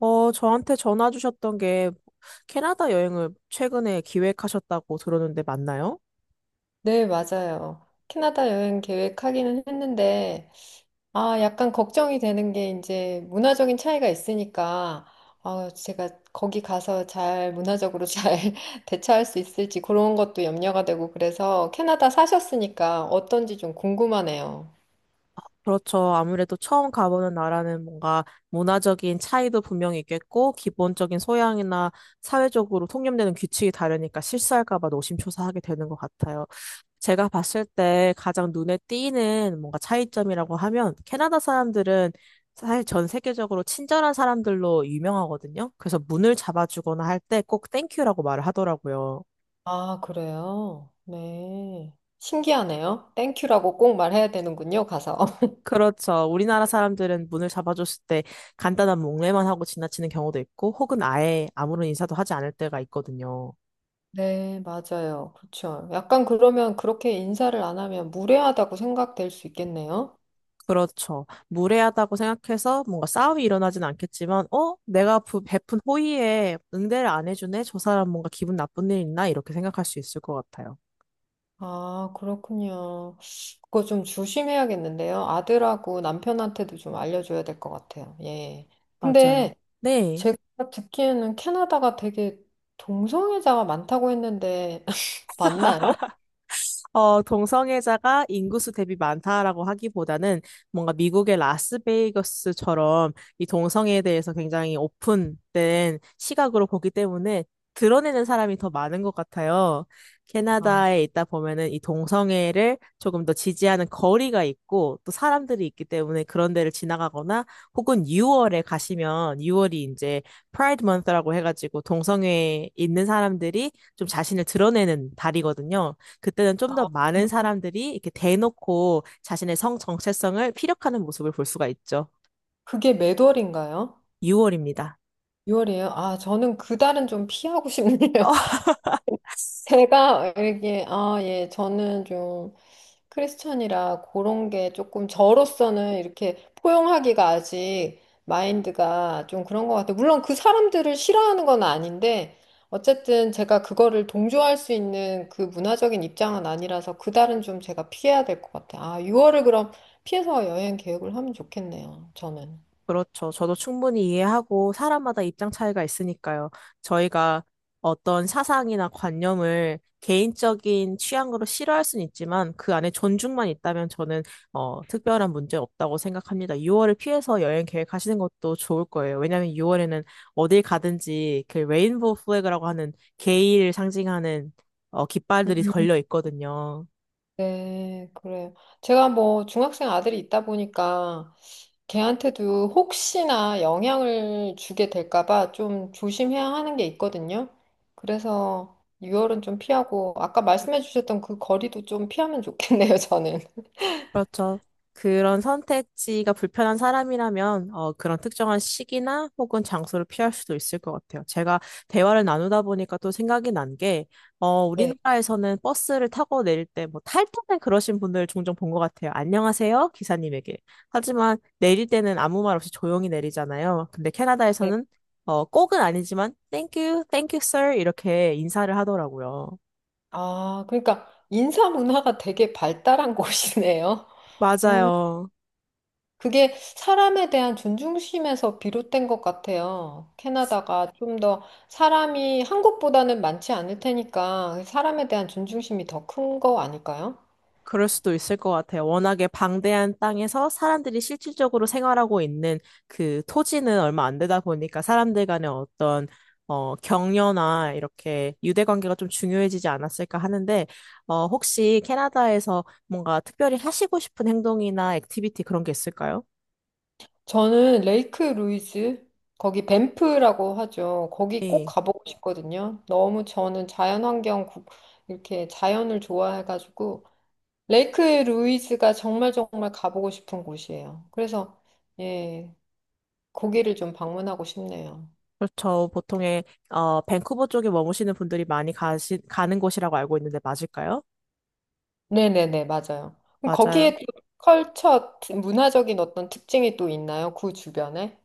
저한테 전화 주셨던 게 캐나다 여행을 최근에 기획하셨다고 들었는데 맞나요? 네, 맞아요. 캐나다 여행 계획하기는 했는데, 아, 약간 걱정이 되는 게 이제 문화적인 차이가 있으니까, 아, 제가 거기 가서 잘 문화적으로 잘 대처할 수 있을지 그런 것도 염려가 되고, 그래서 캐나다 사셨으니까 어떤지 좀 궁금하네요. 그렇죠. 아무래도 처음 가보는 나라는 뭔가 문화적인 차이도 분명히 있겠고, 기본적인 소양이나 사회적으로 통념되는 규칙이 다르니까 실수할까 봐 노심초사하게 되는 것 같아요. 제가 봤을 때 가장 눈에 띄는 뭔가 차이점이라고 하면, 캐나다 사람들은 사실 전 세계적으로 친절한 사람들로 유명하거든요. 그래서 문을 잡아주거나 할 때 꼭 땡큐라고 말을 하더라고요. 아, 그래요? 네. 신기하네요. 땡큐라고 꼭 말해야 되는군요, 가서. 그렇죠. 우리나라 사람들은 문을 잡아줬을 때 간단한 목례만 하고 지나치는 경우도 있고, 혹은 아예 아무런 인사도 하지 않을 때가 있거든요. 네, 맞아요. 그렇죠. 약간 그러면 그렇게 인사를 안 하면 무례하다고 생각될 수 있겠네요. 그렇죠. 무례하다고 생각해서 뭔가 싸움이 일어나진 않겠지만, 어? 내가 베푼 호의에 응대를 안 해주네? 저 사람 뭔가 기분 나쁜 일 있나? 이렇게 생각할 수 있을 것 같아요. 아, 그렇군요. 그거 좀 조심해야겠는데요. 아들하고 남편한테도 좀 알려줘야 될 것 같아요. 예. 맞아요. 근데 네. 제가 듣기에는 캐나다가 되게 동성애자가 많다고 했는데, 맞나요? 동성애자가 인구수 대비 많다라고 하기보다는 뭔가 미국의 라스베이거스처럼 이 동성애에 대해서 굉장히 오픈된 시각으로 보기 때문에 드러내는 사람이 더 많은 것 같아요. 아, 캐나다에 있다 보면은 이 동성애를 조금 더 지지하는 거리가 있고 또 사람들이 있기 때문에 그런 데를 지나가거나 혹은 6월에 가시면 6월이 이제 프라이드 먼스라고 해가지고 동성애에 있는 사람들이 좀 자신을 드러내는 달이거든요. 그때는 좀 더 많은 사람들이 이렇게 대놓고 자신의 성 정체성을 피력하는 모습을 볼 수가 있죠. 그게 몇 월인가요? 6월입니다. 6월이에요? 아, 저는 그달은 좀 피하고 싶네요. 제가 알기에, 아, 예, 저는 좀 크리스찬이라 그런 게 조금 저로서는 이렇게 포용하기가 아직 마인드가 좀 그런 것 같아요. 물론 그 사람들을 싫어하는 건 아닌데, 어쨌든 제가 그거를 동조할 수 있는 그 문화적인 입장은 아니라서 그달은 좀 제가 피해야 될 것 같아요. 아, 6월을 그럼 피해서 여행 계획을 하면 좋겠네요, 저는. 그렇죠. 저도 충분히 이해하고 사람마다 입장 차이가 있으니까요. 저희가 어떤 사상이나 관념을 개인적인 취향으로 싫어할 수는 있지만 그 안에 존중만 있다면 저는 특별한 문제 없다고 생각합니다. 6월을 피해서 여행 계획하시는 것도 좋을 거예요. 왜냐하면 6월에는 어딜 가든지 그 레인보우 플래그라고 하는 게이를 상징하는 깃발들이 걸려 있거든요. 네, 그래요. 제가 뭐 중학생 아들이 있다 보니까 걔한테도 혹시나 영향을 주게 될까 봐 좀 조심해야 하는 게 있거든요. 그래서 유월은 좀 피하고 아까 말씀해 주셨던 그 거리도 좀 피하면 좋겠네요, 저는. 그렇죠. 그런 선택지가 불편한 사람이라면 그런 특정한 시기나 혹은 장소를 피할 수도 있을 것 같아요. 제가 대화를 나누다 보니까 또 생각이 난 게, 네. 우리나라에서는 버스를 타고 내릴 때 뭐 탈 때는 그러신 분들 종종 본 것 같아요. 안녕하세요, 기사님에게. 하지만 내릴 때는 아무 말 없이 조용히 내리잖아요. 근데 네. 캐나다에서는 꼭은 아니지만 thank you, thank you, sir 이렇게 인사를 하더라고요. 아, 그러니까 인사 문화가 되게 발달한 곳이네요. 음. 맞아요. 그게 사람에 대한 존중심에서 비롯된 것 같아요. 캐나다가 좀 더 사람이 한국보다는 많지 않을 테니까 사람에 대한 존중심이 더 큰 거 아닐까요? 그럴 수도 있을 것 같아요. 워낙에 방대한 땅에서 사람들이 실질적으로 생활하고 있는 그 토지는 얼마 안 되다 보니까 사람들 간의 어떤 격려나 이렇게 유대 관계가 좀 중요해지지 않았을까 하는데, 혹시 캐나다에서 뭔가 특별히 하시고 싶은 행동이나 액티비티 그런 게 있을까요? 저는 레이크 루이즈, 거기 밴프라고 하죠. 거기 꼭 네. 가보고 싶거든요. 너무 저는 자연환경, 이렇게 자연을 좋아해가지고 레이크 루이즈가 정말 정말 가보고 싶은 곳이에요. 그래서 예, 거기를 좀 방문하고 싶네요. 그렇죠. 보통의 밴쿠버 쪽에 머무시는 분들이 많이 가는 곳이라고 알고 있는데 맞을까요? 네네네, 맞아요. 그럼 맞아요. 거기에 또 컬처, 문화적인 어떤 특징이 또 있나요? 그 주변에?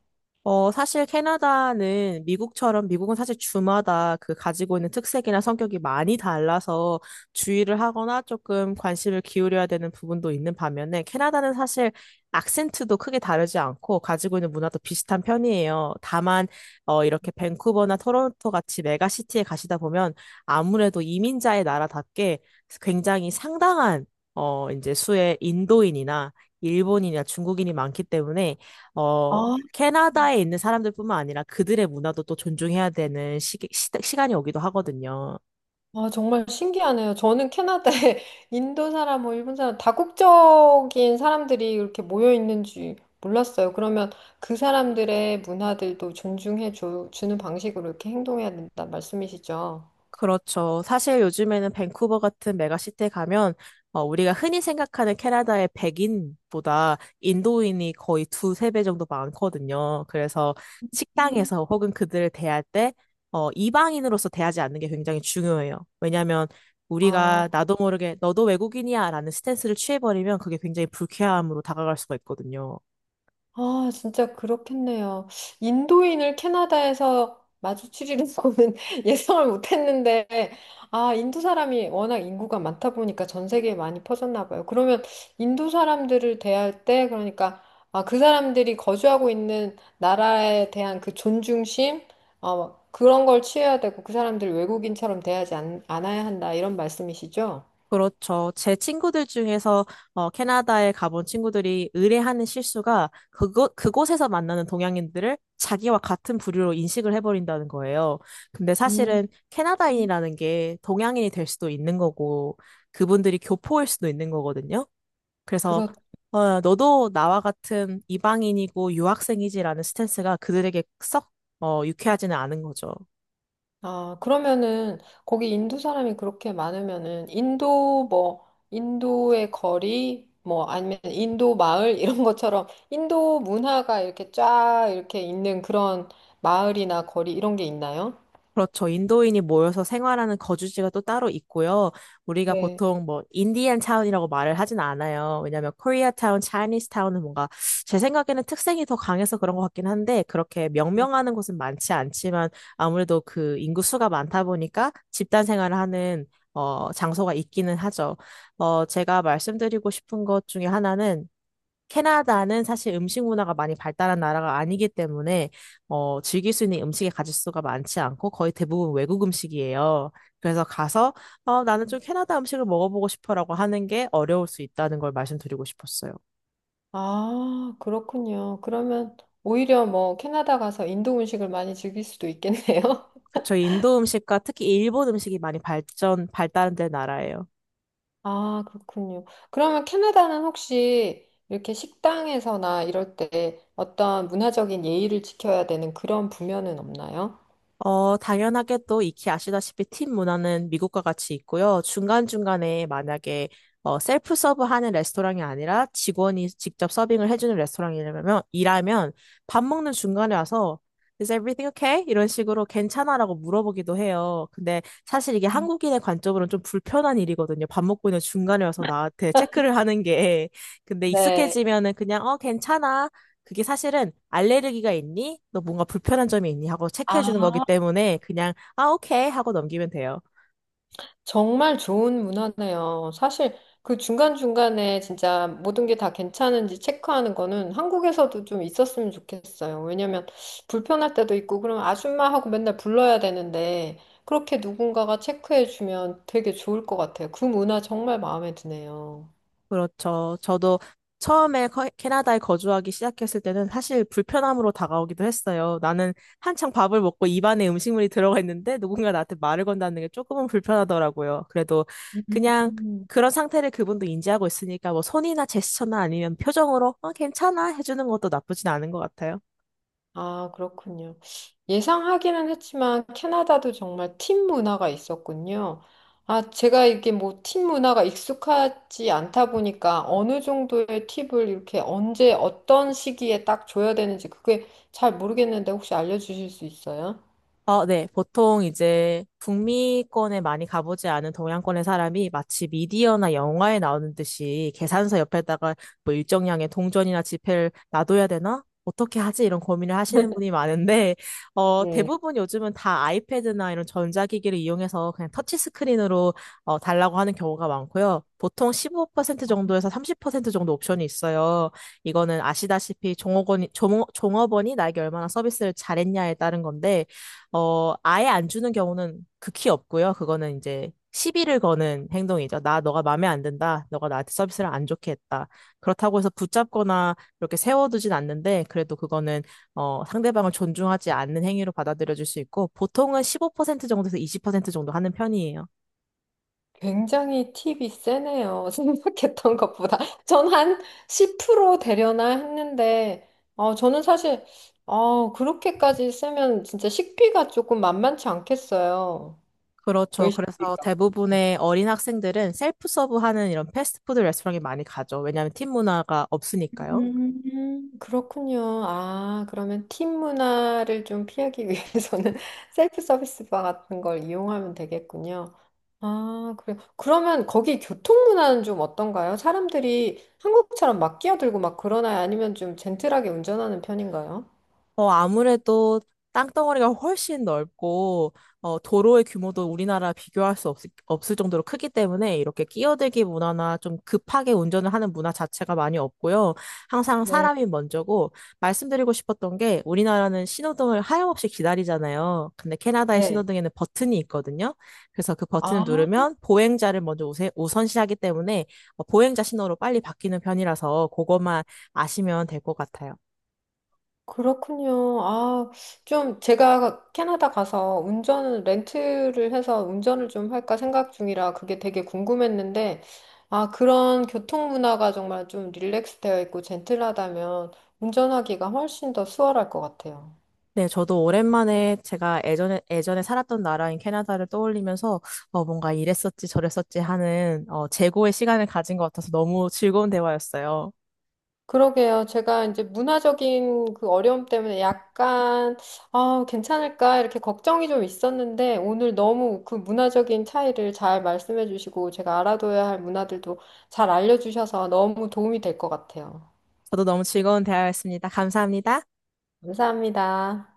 사실 캐나다는 미국처럼 미국은 사실 주마다 그 가지고 있는 특색이나 성격이 많이 달라서 주의를 하거나 조금 관심을 기울여야 되는 부분도 있는 반면에 캐나다는 사실 악센트도 크게 다르지 않고 가지고 있는 문화도 비슷한 편이에요. 다만, 이렇게 밴쿠버나 토론토 같이 메가시티에 가시다 보면 아무래도 이민자의 나라답게 굉장히 상당한 이제 수의 인도인이나 일본인이나 중국인이 많기 때문에 어, 아, 캐나다에 있는 사람들뿐만 아니라 그들의 문화도 또 존중해야 되는 시간이 오기도 하거든요. 아, 정말 신기하네요. 저는 캐나다에 인도 사람, 뭐 일본 사람, 다국적인 사람들이 이렇게 모여 있는지 몰랐어요. 그러면 그 사람들의 문화들도 존중해 주는 방식으로 이렇게 행동해야 된다 말씀이시죠? 그렇죠. 사실 요즘에는 밴쿠버 같은 메가시티에 가면 우리가 흔히 생각하는 캐나다의 백인보다 인도인이 거의 두세 배 정도 많거든요. 그래서 음. 식당에서 혹은 그들을 대할 때 이방인으로서 대하지 않는 게 굉장히 중요해요. 왜냐하면 아. 우리가 나도 모르게 너도 외국인이야 라는 스탠스를 취해버리면 그게 굉장히 불쾌함으로 다가갈 수가 있거든요. 아, 진짜 그렇겠네요. 인도인을 캐나다에서 마주치리는 거는 예상을 못했는데, 아, 인도 사람이 워낙 인구가 많다 보니까 전 세계에 많이 퍼졌나 봐요. 그러면 인도 사람들을 대할 때, 그러니까, 아, 그 사람들이 거주하고 있는 나라에 대한 그 존중심, 그런 걸 취해야 되고, 그 사람들 외국인처럼 대하지 않아야 한다, 이런 말씀이시죠? 그렇죠. 제 친구들 중에서 캐나다에 가본 친구들이 의뢰하는 실수가 그곳에서 만나는 동양인들을 자기와 같은 부류로 인식을 해버린다는 거예요. 근데 음. 사실은 캐나다인이라는 게 동양인이 될 수도 있는 거고 그분들이 교포일 수도 있는 거거든요. 그래서 너도 나와 같은 이방인이고 유학생이지라는 스탠스가 그들에게 썩 유쾌하지는 않은 거죠. 아, 그러면은 거기 인도 사람이 그렇게 많으면은 인도 뭐 인도의 거리 뭐 아니면 인도 마을 이런 것처럼 인도 문화가 이렇게 쫙 이렇게 있는 그런 마을이나 거리 이런 게 있나요? 그렇죠. 인도인이 모여서 생활하는 거주지가 또 따로 있고요. 우리가 네. 보통 뭐 인디안 타운이라고 말을 하진 않아요. 왜냐하면 코리아 타운, 차이니스 타운은 뭔가 제 생각에는 특색이 더 강해서 그런 것 같긴 한데 그렇게 네. 명명하는 곳은 많지 않지만 아무래도 그 인구수가 많다 보니까 집단 생활을 하는 장소가 있기는 하죠. 제가 말씀드리고 싶은 것 중에 하나는 캐나다는 사실 음식 문화가 많이 발달한 나라가 아니기 때문에 즐길 수 있는 음식의 가짓수가 많지 않고 거의 대부분 외국 음식이에요. 그래서 가서 나는 좀 캐나다 음식을 먹어보고 싶어라고 하는 게 어려울 수 있다는 걸 말씀드리고 싶었어요. 아, 그렇군요. 그러면 오히려 뭐 캐나다 가서 인도 음식을 많이 즐길 수도 있겠네요. 그쵸, 인도 음식과 특히 일본 음식이 많이 발달된 나라예요. 아, 그렇군요. 그러면 캐나다는 혹시 이렇게 식당에서나 이럴 때 어떤 문화적인 예의를 지켜야 되는 그런 부면은 없나요? 당연하게 또 익히 아시다시피 팀 문화는 미국과 같이 있고요. 중간중간에 만약에 셀프 서브 하는 레스토랑이 아니라 직원이 직접 서빙을 해주는 레스토랑이라면, 일하면 밥 먹는 중간에 와서 Is everything okay? 이런 식으로 괜찮아라고 물어보기도 해요. 근데 사실 이게 한국인의 관점으로는 좀 불편한 일이거든요. 밥 먹고 있는 중간에 와서 나한테 체크를 하는 게. 근데 네. 익숙해지면은 그냥 괜찮아. 그게 사실은 알레르기가 있니? 너 뭔가 불편한 점이 있니? 하고 체크해 주는 거기 아, 때문에 그냥 아, 오케이 하고 넘기면 돼요. 정말 좋은 문화네요. 사실 그 중간중간에 진짜 모든 게 다 괜찮은지 체크하는 거는 한국에서도 좀 있었으면 좋겠어요. 왜냐면 불편할 때도 있고, 그럼 아줌마하고 맨날 불러야 되는데, 그렇게 누군가가 체크해주면 되게 좋을 것 같아요. 그 문화 정말 마음에 드네요. 그렇죠. 저도 처음에 캐나다에 거주하기 시작했을 때는 사실 불편함으로 다가오기도 했어요. 나는 한창 밥을 먹고 입안에 음식물이 들어가 있는데 누군가 나한테 말을 건다는 게 조금은 불편하더라고요. 그래도 그냥 음. 그런 상태를 그분도 인지하고 있으니까 뭐 손이나 제스처나 아니면 표정으로 괜찮아 해주는 것도 나쁘진 않은 것 같아요. 아, 그렇군요. 예상하기는 했지만 캐나다도 정말 팀 문화가 있었군요. 아, 제가 이게 뭐 팀 문화가 익숙하지 않다 보니까 어느 정도의 팁을 이렇게 언제 어떤 시기에 딱 줘야 되는지 그게 잘 모르겠는데 혹시 알려주실 수 있어요? 네. 보통 이제 북미권에 많이 가보지 않은 동양권의 사람이 마치 미디어나 영화에 나오는 듯이 계산서 옆에다가 뭐 일정량의 동전이나 지폐를 놔둬야 되나? 어떻게 하지? 이런 고민을 하시는 분이 많은데, 네. 대부분 요즘은 다 아이패드나 이런 전자기기를 이용해서 그냥 터치스크린으로 달라고 하는 경우가 많고요. 보통 15% 정도에서 30% 정도 옵션이 있어요. 이거는 아시다시피 종업원이 나에게 얼마나 서비스를 잘했냐에 따른 건데, 아예 안 주는 경우는 극히 없고요. 그거는 이제 시비를 거는 행동이죠. 나, 너가 마음에 안 든다. 너가 나한테 서비스를 안 좋게 했다. 그렇다고 해서 붙잡거나 이렇게 세워두진 않는데, 그래도 그거는 상대방을 존중하지 않는 행위로 받아들여질 수 있고, 보통은 15% 정도에서 20% 정도 하는 편이에요. 굉장히 팁이 세네요. 생각했던 것보다. 전 한 10% 되려나 했는데, 어, 저는 사실, 그렇게까지 쓰면 진짜 식비가 조금 만만치 않겠어요. 그렇죠. 그래서 외식비가. 대부분의 어린 학생들은 셀프 서브하는 이런 패스트푸드 레스토랑에 많이 가죠. 왜냐하면 팀 문화가 없으니까요. 그렇군요. 아, 그러면 팀 문화를 좀 피하기 위해서는 셀프 서비스 바 같은 걸 이용하면 되겠군요. 아, 그래요. 그러면 거기 교통 문화는 좀 어떤가요? 사람들이 한국처럼 막 끼어들고 막 그러나요? 아니면 좀 젠틀하게 운전하는 편인가요? 아무래도 땅덩어리가 훨씬 넓고, 도로의 규모도 우리나라 비교할 수 없을 정도로 크기 때문에 이렇게 끼어들기 문화나 좀 급하게 운전을 하는 문화 자체가 많이 없고요. 항상 네. 사람이 먼저고, 말씀드리고 싶었던 게 우리나라는 신호등을 하염없이 기다리잖아요. 근데 캐나다의 네. 신호등에는 버튼이 있거든요. 그래서 그 아, 버튼을 누르면 보행자를 먼저 우선시하기 때문에 보행자 신호로 빨리 바뀌는 편이라서 그것만 아시면 될 것 같아요. 그렇군요. 아, 좀 제가 캐나다 가서 운전을 렌트를 해서 운전을 좀 할까 생각 중이라 그게 되게 궁금했는데, 아, 그런 교통 문화가 정말 좀 릴렉스되어 있고 젠틀하다면 운전하기가 훨씬 더 수월할 것 같아요. 네, 저도 오랜만에 제가 예전에 살았던 나라인 캐나다를 떠올리면서 뭔가 이랬었지 저랬었지 하는 재고의 시간을 가진 것 같아서 너무 즐거운 대화였어요. 그러게요. 제가 이제 문화적인 그 어려움 때문에 약간, 아, 괜찮을까? 이렇게 걱정이 좀 있었는데, 오늘 너무 그 문화적인 차이를 잘 말씀해 주시고, 제가 알아둬야 할 문화들도 잘 알려주셔서 너무 도움이 될 것 같아요. 저도 너무 즐거운 대화였습니다. 감사합니다. 감사합니다.